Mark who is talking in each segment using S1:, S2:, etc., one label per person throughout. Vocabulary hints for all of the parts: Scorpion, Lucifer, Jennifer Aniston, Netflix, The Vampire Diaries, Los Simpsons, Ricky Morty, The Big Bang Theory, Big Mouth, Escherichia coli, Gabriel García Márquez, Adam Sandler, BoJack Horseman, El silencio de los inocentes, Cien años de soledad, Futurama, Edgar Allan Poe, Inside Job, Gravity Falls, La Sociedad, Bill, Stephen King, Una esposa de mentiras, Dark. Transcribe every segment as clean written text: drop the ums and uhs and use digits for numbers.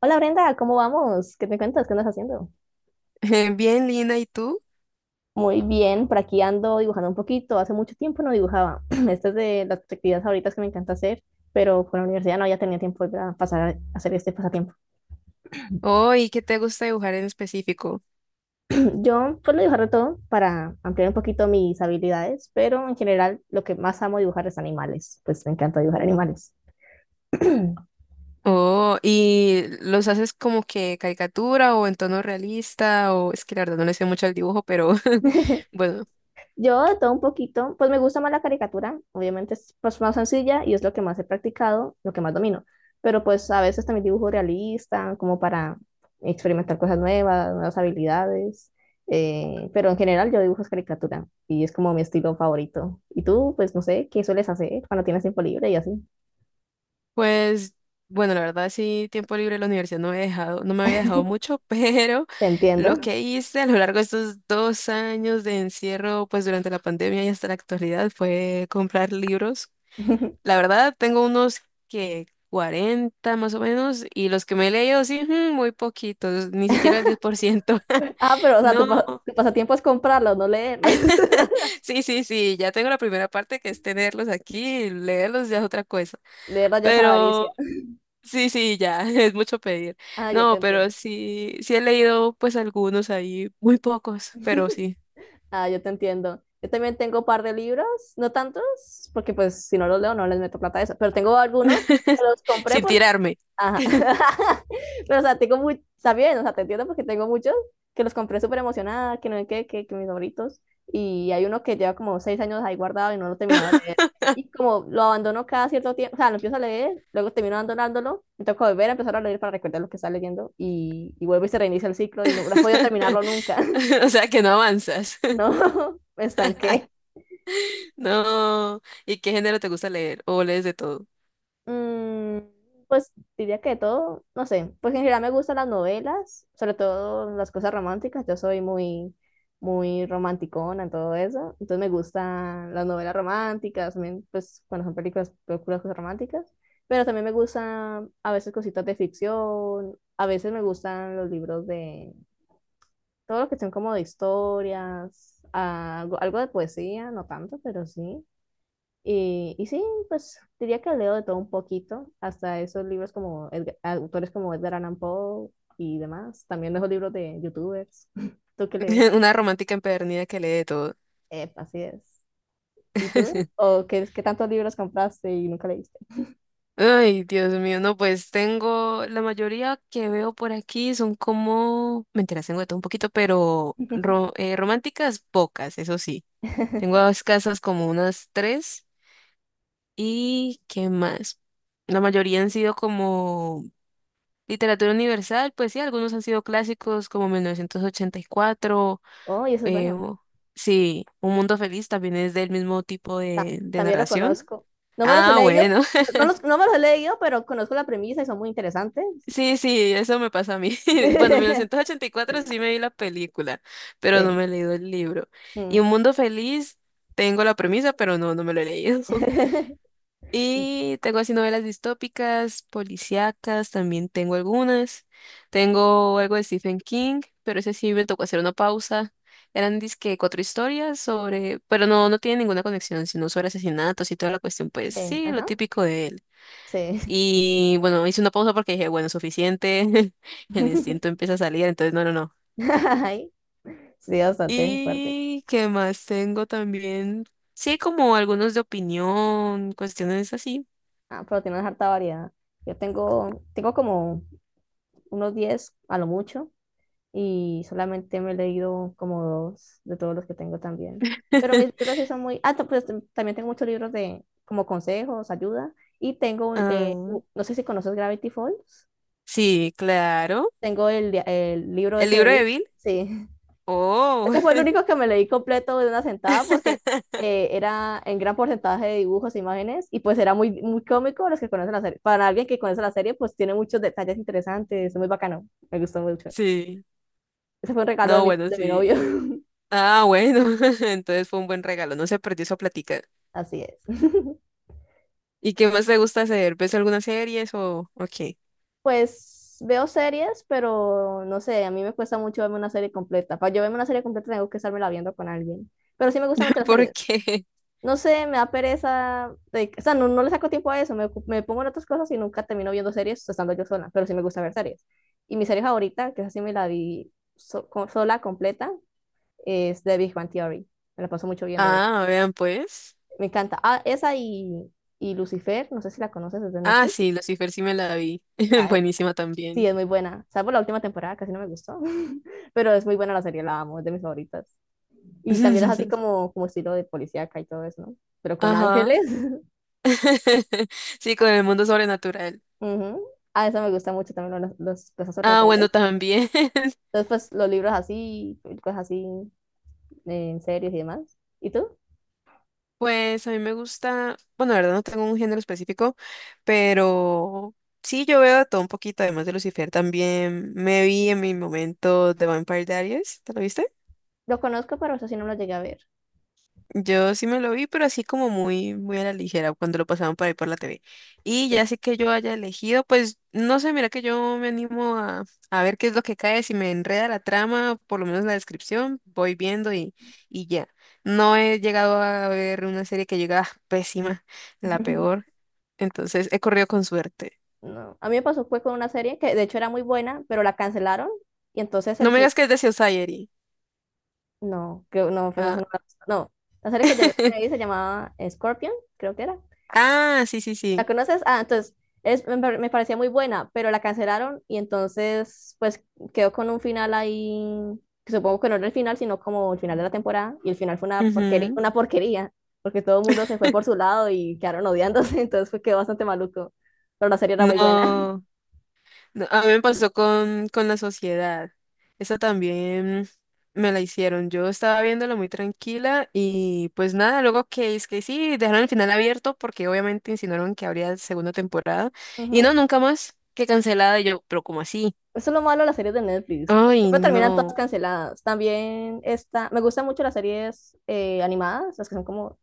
S1: Hola Brenda, ¿cómo vamos? ¿Qué me cuentas? ¿Qué andas haciendo?
S2: Bien, Lina, ¿y tú?
S1: Muy bien, por aquí ando dibujando un poquito. Hace mucho tiempo no dibujaba. Esta es de las actividades favoritas que me encanta hacer, pero por la universidad no había tenido tiempo para pasar a hacer este pasatiempo.
S2: Oh, ¿y qué te gusta dibujar en específico?
S1: Yo suelo dibujar de todo para ampliar un poquito mis habilidades, pero en general lo que más amo dibujar es animales. Pues me encanta dibujar animales.
S2: Oh, ¿y los haces como que caricatura o en tono realista? O es que la verdad no le sé mucho al dibujo, pero bueno,
S1: Yo de todo un poquito, pues me gusta más la caricatura, obviamente es pues, más sencilla y es lo que más he practicado, lo que más domino, pero pues a veces también dibujo realista, como para experimentar cosas nuevas, nuevas habilidades, pero en general yo dibujo es caricatura y es como mi estilo favorito. Y tú, pues no sé, ¿qué sueles hacer cuando tienes tiempo libre y así?
S2: pues bueno, la verdad sí, tiempo libre en la universidad no me había dejado mucho, pero
S1: Te
S2: lo
S1: entiendo.
S2: que hice a lo largo de estos 2 años de encierro, pues durante la pandemia y hasta la actualidad, fue comprar libros. La verdad, tengo unos que 40 más o menos, y los que me he leído, sí, ujú, muy poquitos, ni siquiera el 10 por ciento.
S1: Ah, pero o sea,
S2: No,
S1: tu pasatiempo es comprarlos, no leerlos.
S2: sí, sí, sí, ya tengo la primera parte que es tenerlos aquí, leerlos ya es otra cosa.
S1: Leerlos ya es
S2: Pero
S1: avaricia.
S2: sí, sí, ya, es mucho pedir.
S1: Ah, yo te
S2: No, pero
S1: entiendo.
S2: sí, sí he leído pues algunos ahí, muy pocos, pero sí.
S1: Ah, yo te entiendo. Yo también tengo un par de libros, no tantos, porque pues si no los leo no les meto plata a eso, pero tengo algunos que los compré
S2: Sin
S1: por...
S2: tirarme.
S1: Ajá. Pero o sea, tengo muy... Está bien, o sea, te entiendo porque tengo muchos que los compré súper emocionada, que no sé qué, que mis favoritos. Y hay uno que lleva como 6 años ahí guardado y no lo he terminado de leer. Y como lo abandono cada cierto tiempo, o sea, lo empiezo a leer, luego termino abandonándolo, me toca volver a empezar a leer para recordar lo que está leyendo y vuelvo y se reinicia el ciclo y no, no he podido terminarlo nunca,
S2: O sea que no avanzas.
S1: ¿no? Me estanqué.
S2: No. ¿Y qué género te gusta leer? ¿O lees de todo?
S1: Mm, pues diría que de todo, no sé, pues en general me gustan las novelas, sobre todo las cosas románticas, yo soy muy, muy romanticona en todo eso, entonces me gustan las novelas románticas, también, pues cuando son películas, películas cosas románticas, pero también me gustan a veces cositas de ficción, a veces me gustan los libros de todo lo que son como de historias, algo, algo de poesía, no tanto, pero sí. Y sí, pues diría que leo de todo un poquito, hasta esos libros como autores como Edgar Allan Poe y demás. También dejo libros de youtubers. ¿Tú qué lees?
S2: Una romántica empedernida que lee de todo.
S1: Epa, así es. ¿Y tú? ¿O qué, tantos libros compraste y nunca leíste?
S2: Ay, Dios mío, no, pues tengo, la mayoría que veo por aquí son como, mentiras, tengo de todo un poquito, pero románticas pocas, eso sí. Tengo escasas como unas tres y ¿qué más? La mayoría han sido como literatura universal, pues sí, algunos han sido clásicos como 1984,
S1: Oh, y eso es
S2: eh,
S1: bueno.
S2: o- sí, Un Mundo Feliz también es del mismo tipo de de
S1: También lo
S2: narración.
S1: conozco. No me los he
S2: Ah,
S1: leído,
S2: bueno.
S1: no, no los, no me los he leído, pero conozco la premisa y son muy interesantes.
S2: Sí, sí, eso me pasa a mí. Bueno, mil novecientos ochenta y cuatro sí me vi la película, pero no
S1: Sí.
S2: me he leído el libro. Y Un
S1: Mm.
S2: Mundo Feliz, tengo la premisa, pero no, no me lo he leído. Y tengo así novelas distópicas, policíacas, también tengo algunas. Tengo algo de Stephen King, pero ese sí me tocó hacer una pausa. Eran dizque 4 historias sobre, pero no, no tiene ninguna conexión, sino sobre asesinatos y toda la cuestión, pues
S1: Sí,
S2: sí, lo
S1: ajá.
S2: típico de él.
S1: Sí.
S2: Y bueno, hice una pausa porque dije, bueno, suficiente. El instinto empieza a salir, entonces no, no, no.
S1: Ay, sí, bastante fuerte.
S2: ¿Y qué más tengo también? Sí, como algunos de opinión, cuestiones así.
S1: Ah, pero tienes harta variedad. Yo tengo como unos 10 a lo mucho y solamente me he leído como dos de todos los que tengo también. Pero mis libros sí son muy... Ah, también tengo muchos libros de como consejos, ayuda. Y tengo, un,
S2: Ah,
S1: no sé si conoces Gravity Falls.
S2: sí, claro.
S1: Tengo el, el libro
S2: ¿El
S1: ese de
S2: libro de
S1: Bill.
S2: Bill?
S1: Sí.
S2: Oh,
S1: Ese fue el único que me leí completo de una sentada porque era en gran porcentaje de dibujos e imágenes y pues era muy, muy cómico los que conocen la serie. Para alguien que conoce la serie, pues tiene muchos detalles interesantes, es muy bacano, me gustó mucho.
S2: sí.
S1: Ese fue un regalo
S2: No, bueno,
S1: de mi novio.
S2: sí. Ah, bueno. Entonces fue un buen regalo. No se perdió esa plática.
S1: Así es.
S2: ¿Y qué más te gusta hacer? ¿Ves algunas series o qué?
S1: Pues veo series, pero no sé, a mí me cuesta mucho verme una serie completa. Para yo verme una serie completa tengo que estármela viendo con alguien. Pero sí me gustan mucho las
S2: ¿Por
S1: series.
S2: qué?
S1: No sé, me da pereza, de- o sea, no, no le saco tiempo a eso, me pongo en otras cosas y nunca termino viendo series estando yo sola, pero sí me gusta ver series. Y mi serie favorita, que es así me la vi sola, completa, es The Big Bang Theory. Me la paso mucho viendo eso.
S2: Ah, vean pues.
S1: Me encanta. Ah, esa y Lucifer, no sé si la conoces desde
S2: Ah,
S1: Netflix.
S2: sí, Lucifer sí me la vi.
S1: Bueno.
S2: Buenísima
S1: Sí,
S2: también.
S1: es muy buena. Salvo la última temporada, casi no me gustó, pero es muy buena la serie, la amo, es de mis favoritas. Y también es así como, como estilo de policíaca y todo eso, ¿no? Pero con sí,
S2: Ajá.
S1: ángeles.
S2: Sí, con el mundo sobrenatural.
S1: Ujú. Ah, eso me gusta mucho también, los
S2: Ah, bueno,
S1: sobrenaturales.
S2: también.
S1: Entonces, pues los libros así, cosas así, en series y demás. ¿Y tú?
S2: Pues a mí me gusta, bueno, la verdad no tengo un género específico, pero sí, yo veo de todo un poquito, además de Lucifer, también me vi en mi momento The Vampire Diaries, ¿te lo viste?
S1: Lo conozco, pero eso sí no lo llegué a ver.
S2: Yo sí me lo vi, pero así como muy, muy a la ligera cuando lo pasaban por ahí por la TV. Y
S1: Sí.
S2: ya sé que yo haya elegido, pues no sé, mira que yo me animo a ver qué es lo que cae, si me enreda la trama, por lo menos la descripción, voy viendo y ya. No he llegado a ver una serie que llega ah, pésima, la peor, entonces he corrido con suerte.
S1: No. A mí me pasó fue con una serie que de hecho era muy buena, pero la cancelaron y entonces
S2: No
S1: el
S2: me
S1: fin...
S2: digas que es de Society.
S1: No, creo, no, pues, esa
S2: Ah,
S1: no, no. La serie que yo me vi se llamaba Scorpion, creo que era.
S2: ah, sí, sí,
S1: ¿La
S2: sí.
S1: conoces? Ah, entonces es, me parecía muy buena, pero la cancelaron y entonces pues quedó con un final ahí, que supongo que no era el final, sino como el final de la temporada y el final fue
S2: Ujú.
S1: una porquería, porque todo el mundo se fue por su lado y quedaron odiándose, entonces fue, quedó bastante maluco, pero la serie era muy buena.
S2: No. No, a mí me pasó con La Sociedad. Esa también me la hicieron. Yo estaba viéndola muy tranquila y pues nada, luego que es que sí, dejaron el final abierto porque obviamente insinuaron que habría segunda temporada. Y no,
S1: Ujú.
S2: nunca más, que cancelada. Y yo, pero ¿cómo así?
S1: Eso es lo malo de las series de Netflix,
S2: Ay,
S1: siempre terminan todas
S2: no.
S1: canceladas. También esta, me gustan mucho las series animadas, las que son como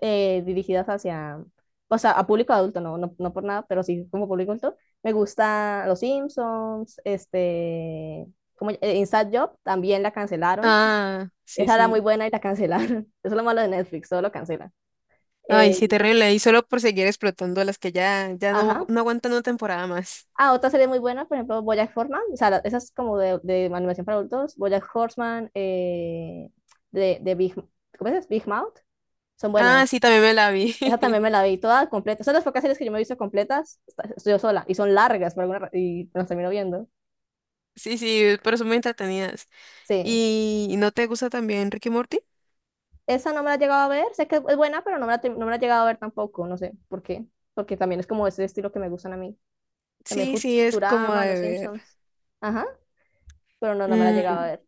S1: dirigidas hacia, o sea, a público adulto, no, no, no por nada, pero sí como público adulto. Me gusta Los Simpsons, este, como Inside Job, también la cancelaron. Ah.
S2: Ah, sí,
S1: Esa era muy
S2: sí.
S1: buena y la cancelaron. Eso es lo malo de Netflix, todo lo cancelan.
S2: Ay,
S1: Eh,
S2: sí, terrible. Y solo por seguir explotando a las que ya, ya no,
S1: ajá.
S2: no aguantan una temporada más.
S1: Ah, otra serie muy buena, por ejemplo, BoJack Horseman, o sea, esa es como de animación para adultos, BoJack Horseman, de Big, ¿cómo es? Big Mouth, son
S2: Ah,
S1: buenas.
S2: sí, también me la vi.
S1: Esa también me la vi toda completa. Son las pocas series que yo me he visto completas, estoy yo sola, y son largas por alguna y me las termino viendo.
S2: Sí, sí, pero son muy entretenidas.
S1: Sí.
S2: ¿Y no te gusta también Ricky Morty?
S1: Esa no me la he llegado a ver, sé que es buena, pero no me la, no me la he llegado a ver tampoco, no sé por qué, porque también es como ese estilo que me gustan a mí. También
S2: Sí, sí, es como
S1: Futurama, Los
S2: de ver.
S1: Simpsons. Ajá, pero no, no me la he llegado a
S2: Mm,
S1: ver.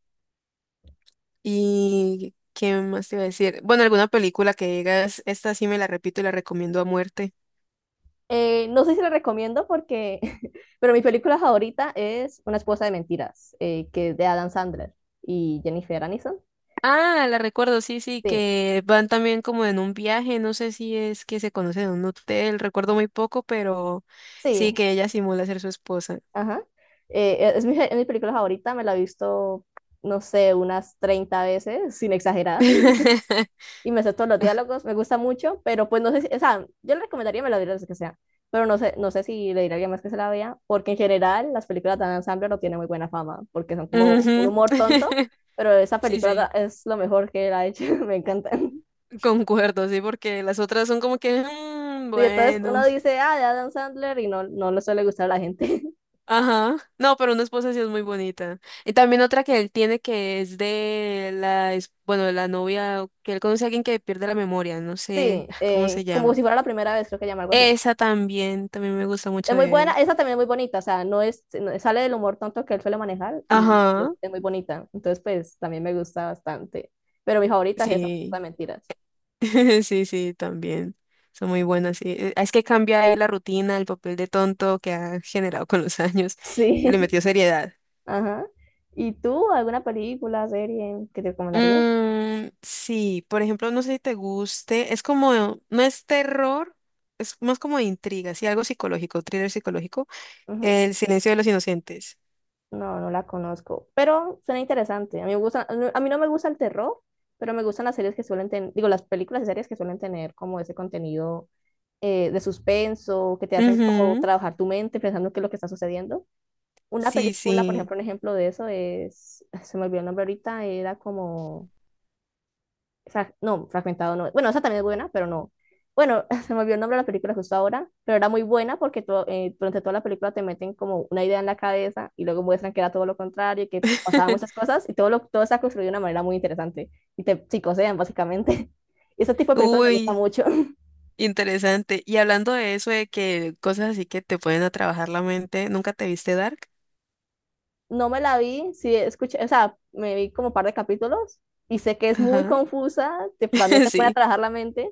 S2: ¿Y qué más te iba a decir? Bueno, alguna película que digas, esta sí me la repito y la recomiendo a muerte.
S1: No sé si la recomiendo porque, pero mi película favorita es Una esposa de mentiras, que es de Adam Sandler y Jennifer Aniston.
S2: Ah, la recuerdo, sí, sí,
S1: Sí,
S2: que van también como en un viaje, no sé si es que se conocen en un hotel, recuerdo muy poco, pero sí
S1: sí,
S2: que ella simula ser su esposa.
S1: ajá. Es mi película favorita, me la he visto, no sé, unas 30 veces, sin exagerar, y me sé todos los diálogos, me gusta mucho, pero pues no sé, si- o sea, yo le recomendaría me la viera las que sea, pero no sé, no sé si le diría a alguien más que se la vea, porque en general las películas de Adam Sandler no tienen muy buena fama, porque son como un
S2: Ujú.
S1: humor tonto, pero esa
S2: Sí,
S1: película
S2: sí,
S1: es lo mejor que él ha hecho, me encanta.
S2: concuerdo, sí, porque las otras son como que, "Mm,
S1: Sí, entonces
S2: bueno".
S1: uno dice, ah, de Adam Sandler, y no, no le suele gustar a la gente.
S2: Ajá. No, pero una esposa sí es muy bonita. Y también otra que él tiene que es de la, es- bueno, de la novia, que él conoce a alguien que pierde la memoria, no sé
S1: Sí,
S2: cómo se
S1: como si
S2: llama.
S1: fuera la primera vez, creo que llama algo así.
S2: Esa también, también me gusta mucho
S1: Es muy
S2: de él.
S1: buena, esa también es muy bonita, o sea, no es, sale del humor tonto que él suele manejar y
S2: Ajá.
S1: es muy bonita. Entonces, pues también me gusta bastante. Pero mi favorita es esa, las
S2: Sí,
S1: mentiras.
S2: sí, sí, también. Son muy buenas, sí. Es que cambia ahí la rutina, el papel de tonto que ha generado con los años
S1: Sí,
S2: y le metió seriedad.
S1: ajá. ¿Y tú, alguna película, serie que te recomendarías?
S2: Sí, por ejemplo, no sé si te guste, es como, no es terror, es más como de intriga, sí, algo psicológico, thriller psicológico,
S1: Ujú.
S2: El silencio de los inocentes.
S1: No, no la conozco, pero suena interesante. A mí me gusta, a mí no me gusta el terror, pero me gustan las series que suelen tener, digo, las películas y series que suelen tener como ese contenido de suspenso, que te hacen como
S2: Ujú,
S1: trabajar tu mente pensando qué es lo que está sucediendo. Una
S2: sí,
S1: película, por
S2: sí.
S1: ejemplo, un ejemplo de eso es, se me olvidó el nombre ahorita, era como, no, fragmentado no, bueno, esa también es buena, pero no. Bueno, se me olvidó el nombre de la película justo ahora, pero era muy buena porque durante toda la película te meten como una idea en la cabeza y luego muestran que era todo lo contrario, que pasaban muchas cosas y todo, lo, todo está construido de una manera muy interesante y te psicosean básicamente. Y ese tipo de películas me gusta
S2: Uy,
S1: mucho.
S2: interesante. Y hablando de eso, de que cosas así que te pueden a trabajar la mente, ¿nunca te viste Dark?
S1: No me la vi, sí escuché, o sea, me vi como un par de capítulos y sé que es muy
S2: Ajá,
S1: confusa, también te pone a
S2: sí.
S1: trabajar la mente,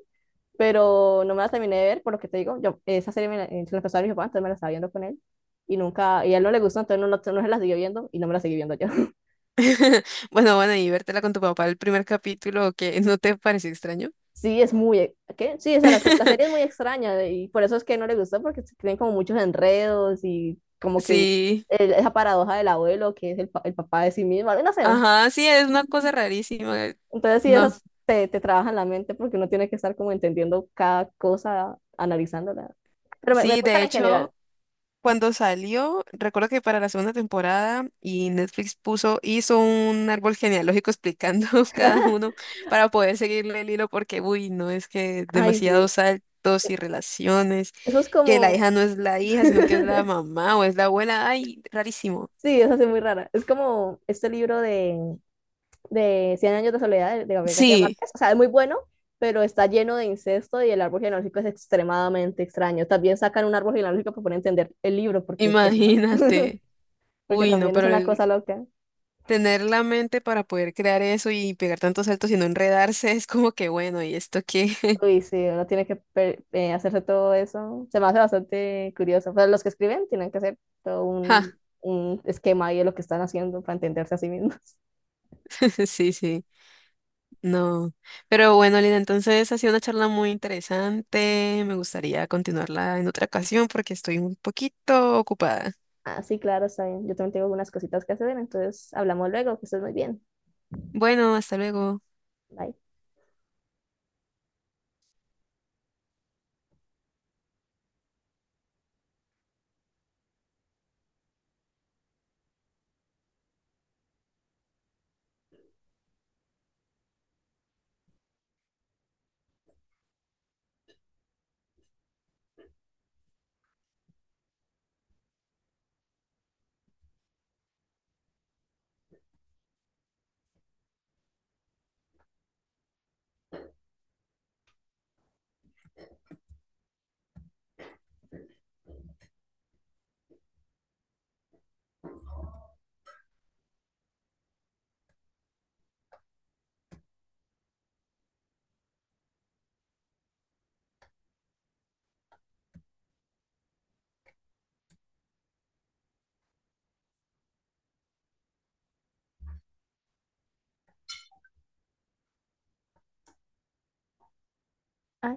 S1: pero no me la terminé de ver, por lo que te digo, yo, esa serie me la, se la empezó a ver mi papá, entonces me la estaba viendo con él, y nunca, y a él no le gustó, entonces no, no, no se la siguió viendo, y no me la seguí viendo yo.
S2: Bueno, bueno, y vértela con tu papá el primer capítulo, que no te pareció extraño.
S1: Sí, es muy, e, ¿qué? Sí, o sea, la, la serie es muy extraña, y por eso es que no le gustó, porque tienen como muchos enredos, y como que
S2: Sí.
S1: esa paradoja del abuelo, que es el, el papá de sí mismo, no sé,
S2: Ajá, sí, es una cosa rarísima.
S1: entonces sí,
S2: No,
S1: esas te, te trabajan la mente, porque uno tiene que estar como entendiendo cada cosa, analizándola, pero me
S2: sí,
S1: gustan
S2: de
S1: en general,
S2: hecho, cuando salió, recuerdo que para la segunda temporada y Netflix puso, hizo un árbol genealógico explicando cada uno para poder seguirle el hilo porque, uy, no es que
S1: ay, sí,
S2: demasiados saltos y relaciones,
S1: eso es
S2: que la
S1: como...
S2: hija no es la hija, sino que es la mamá o es la abuela, ay, rarísimo.
S1: Sí, es así muy rara. Es como este libro de Cien años de soledad de Gabriel García
S2: Sí,
S1: Márquez. O sea, es muy bueno, pero está lleno de incesto y el árbol genealógico es extremadamente extraño. También sacan un árbol genealógico para poder entender el libro, porque pues si no,
S2: imagínate.
S1: porque
S2: Uy, no,
S1: también es
S2: pero
S1: una
S2: el-
S1: cosa loca.
S2: tener la mente para poder crear eso y pegar tantos saltos y no enredarse es como que bueno, ¿y esto qué?
S1: Uy, sí, uno tiene que hacerse todo eso. Se me hace bastante curioso. Pero los que escriben tienen que hacer todo
S2: Ja,
S1: un esquema ahí de lo que están haciendo para entenderse a sí mismos.
S2: sí, sí, no. Pero bueno, Lina, entonces ha sido una charla muy interesante. Me gustaría continuarla en otra ocasión porque estoy un poquito ocupada.
S1: Ah, sí, claro, está bien. Yo también tengo algunas cositas que hacer, entonces hablamos luego, que estés muy bien.
S2: Bueno, hasta luego.
S1: Bye. Ah,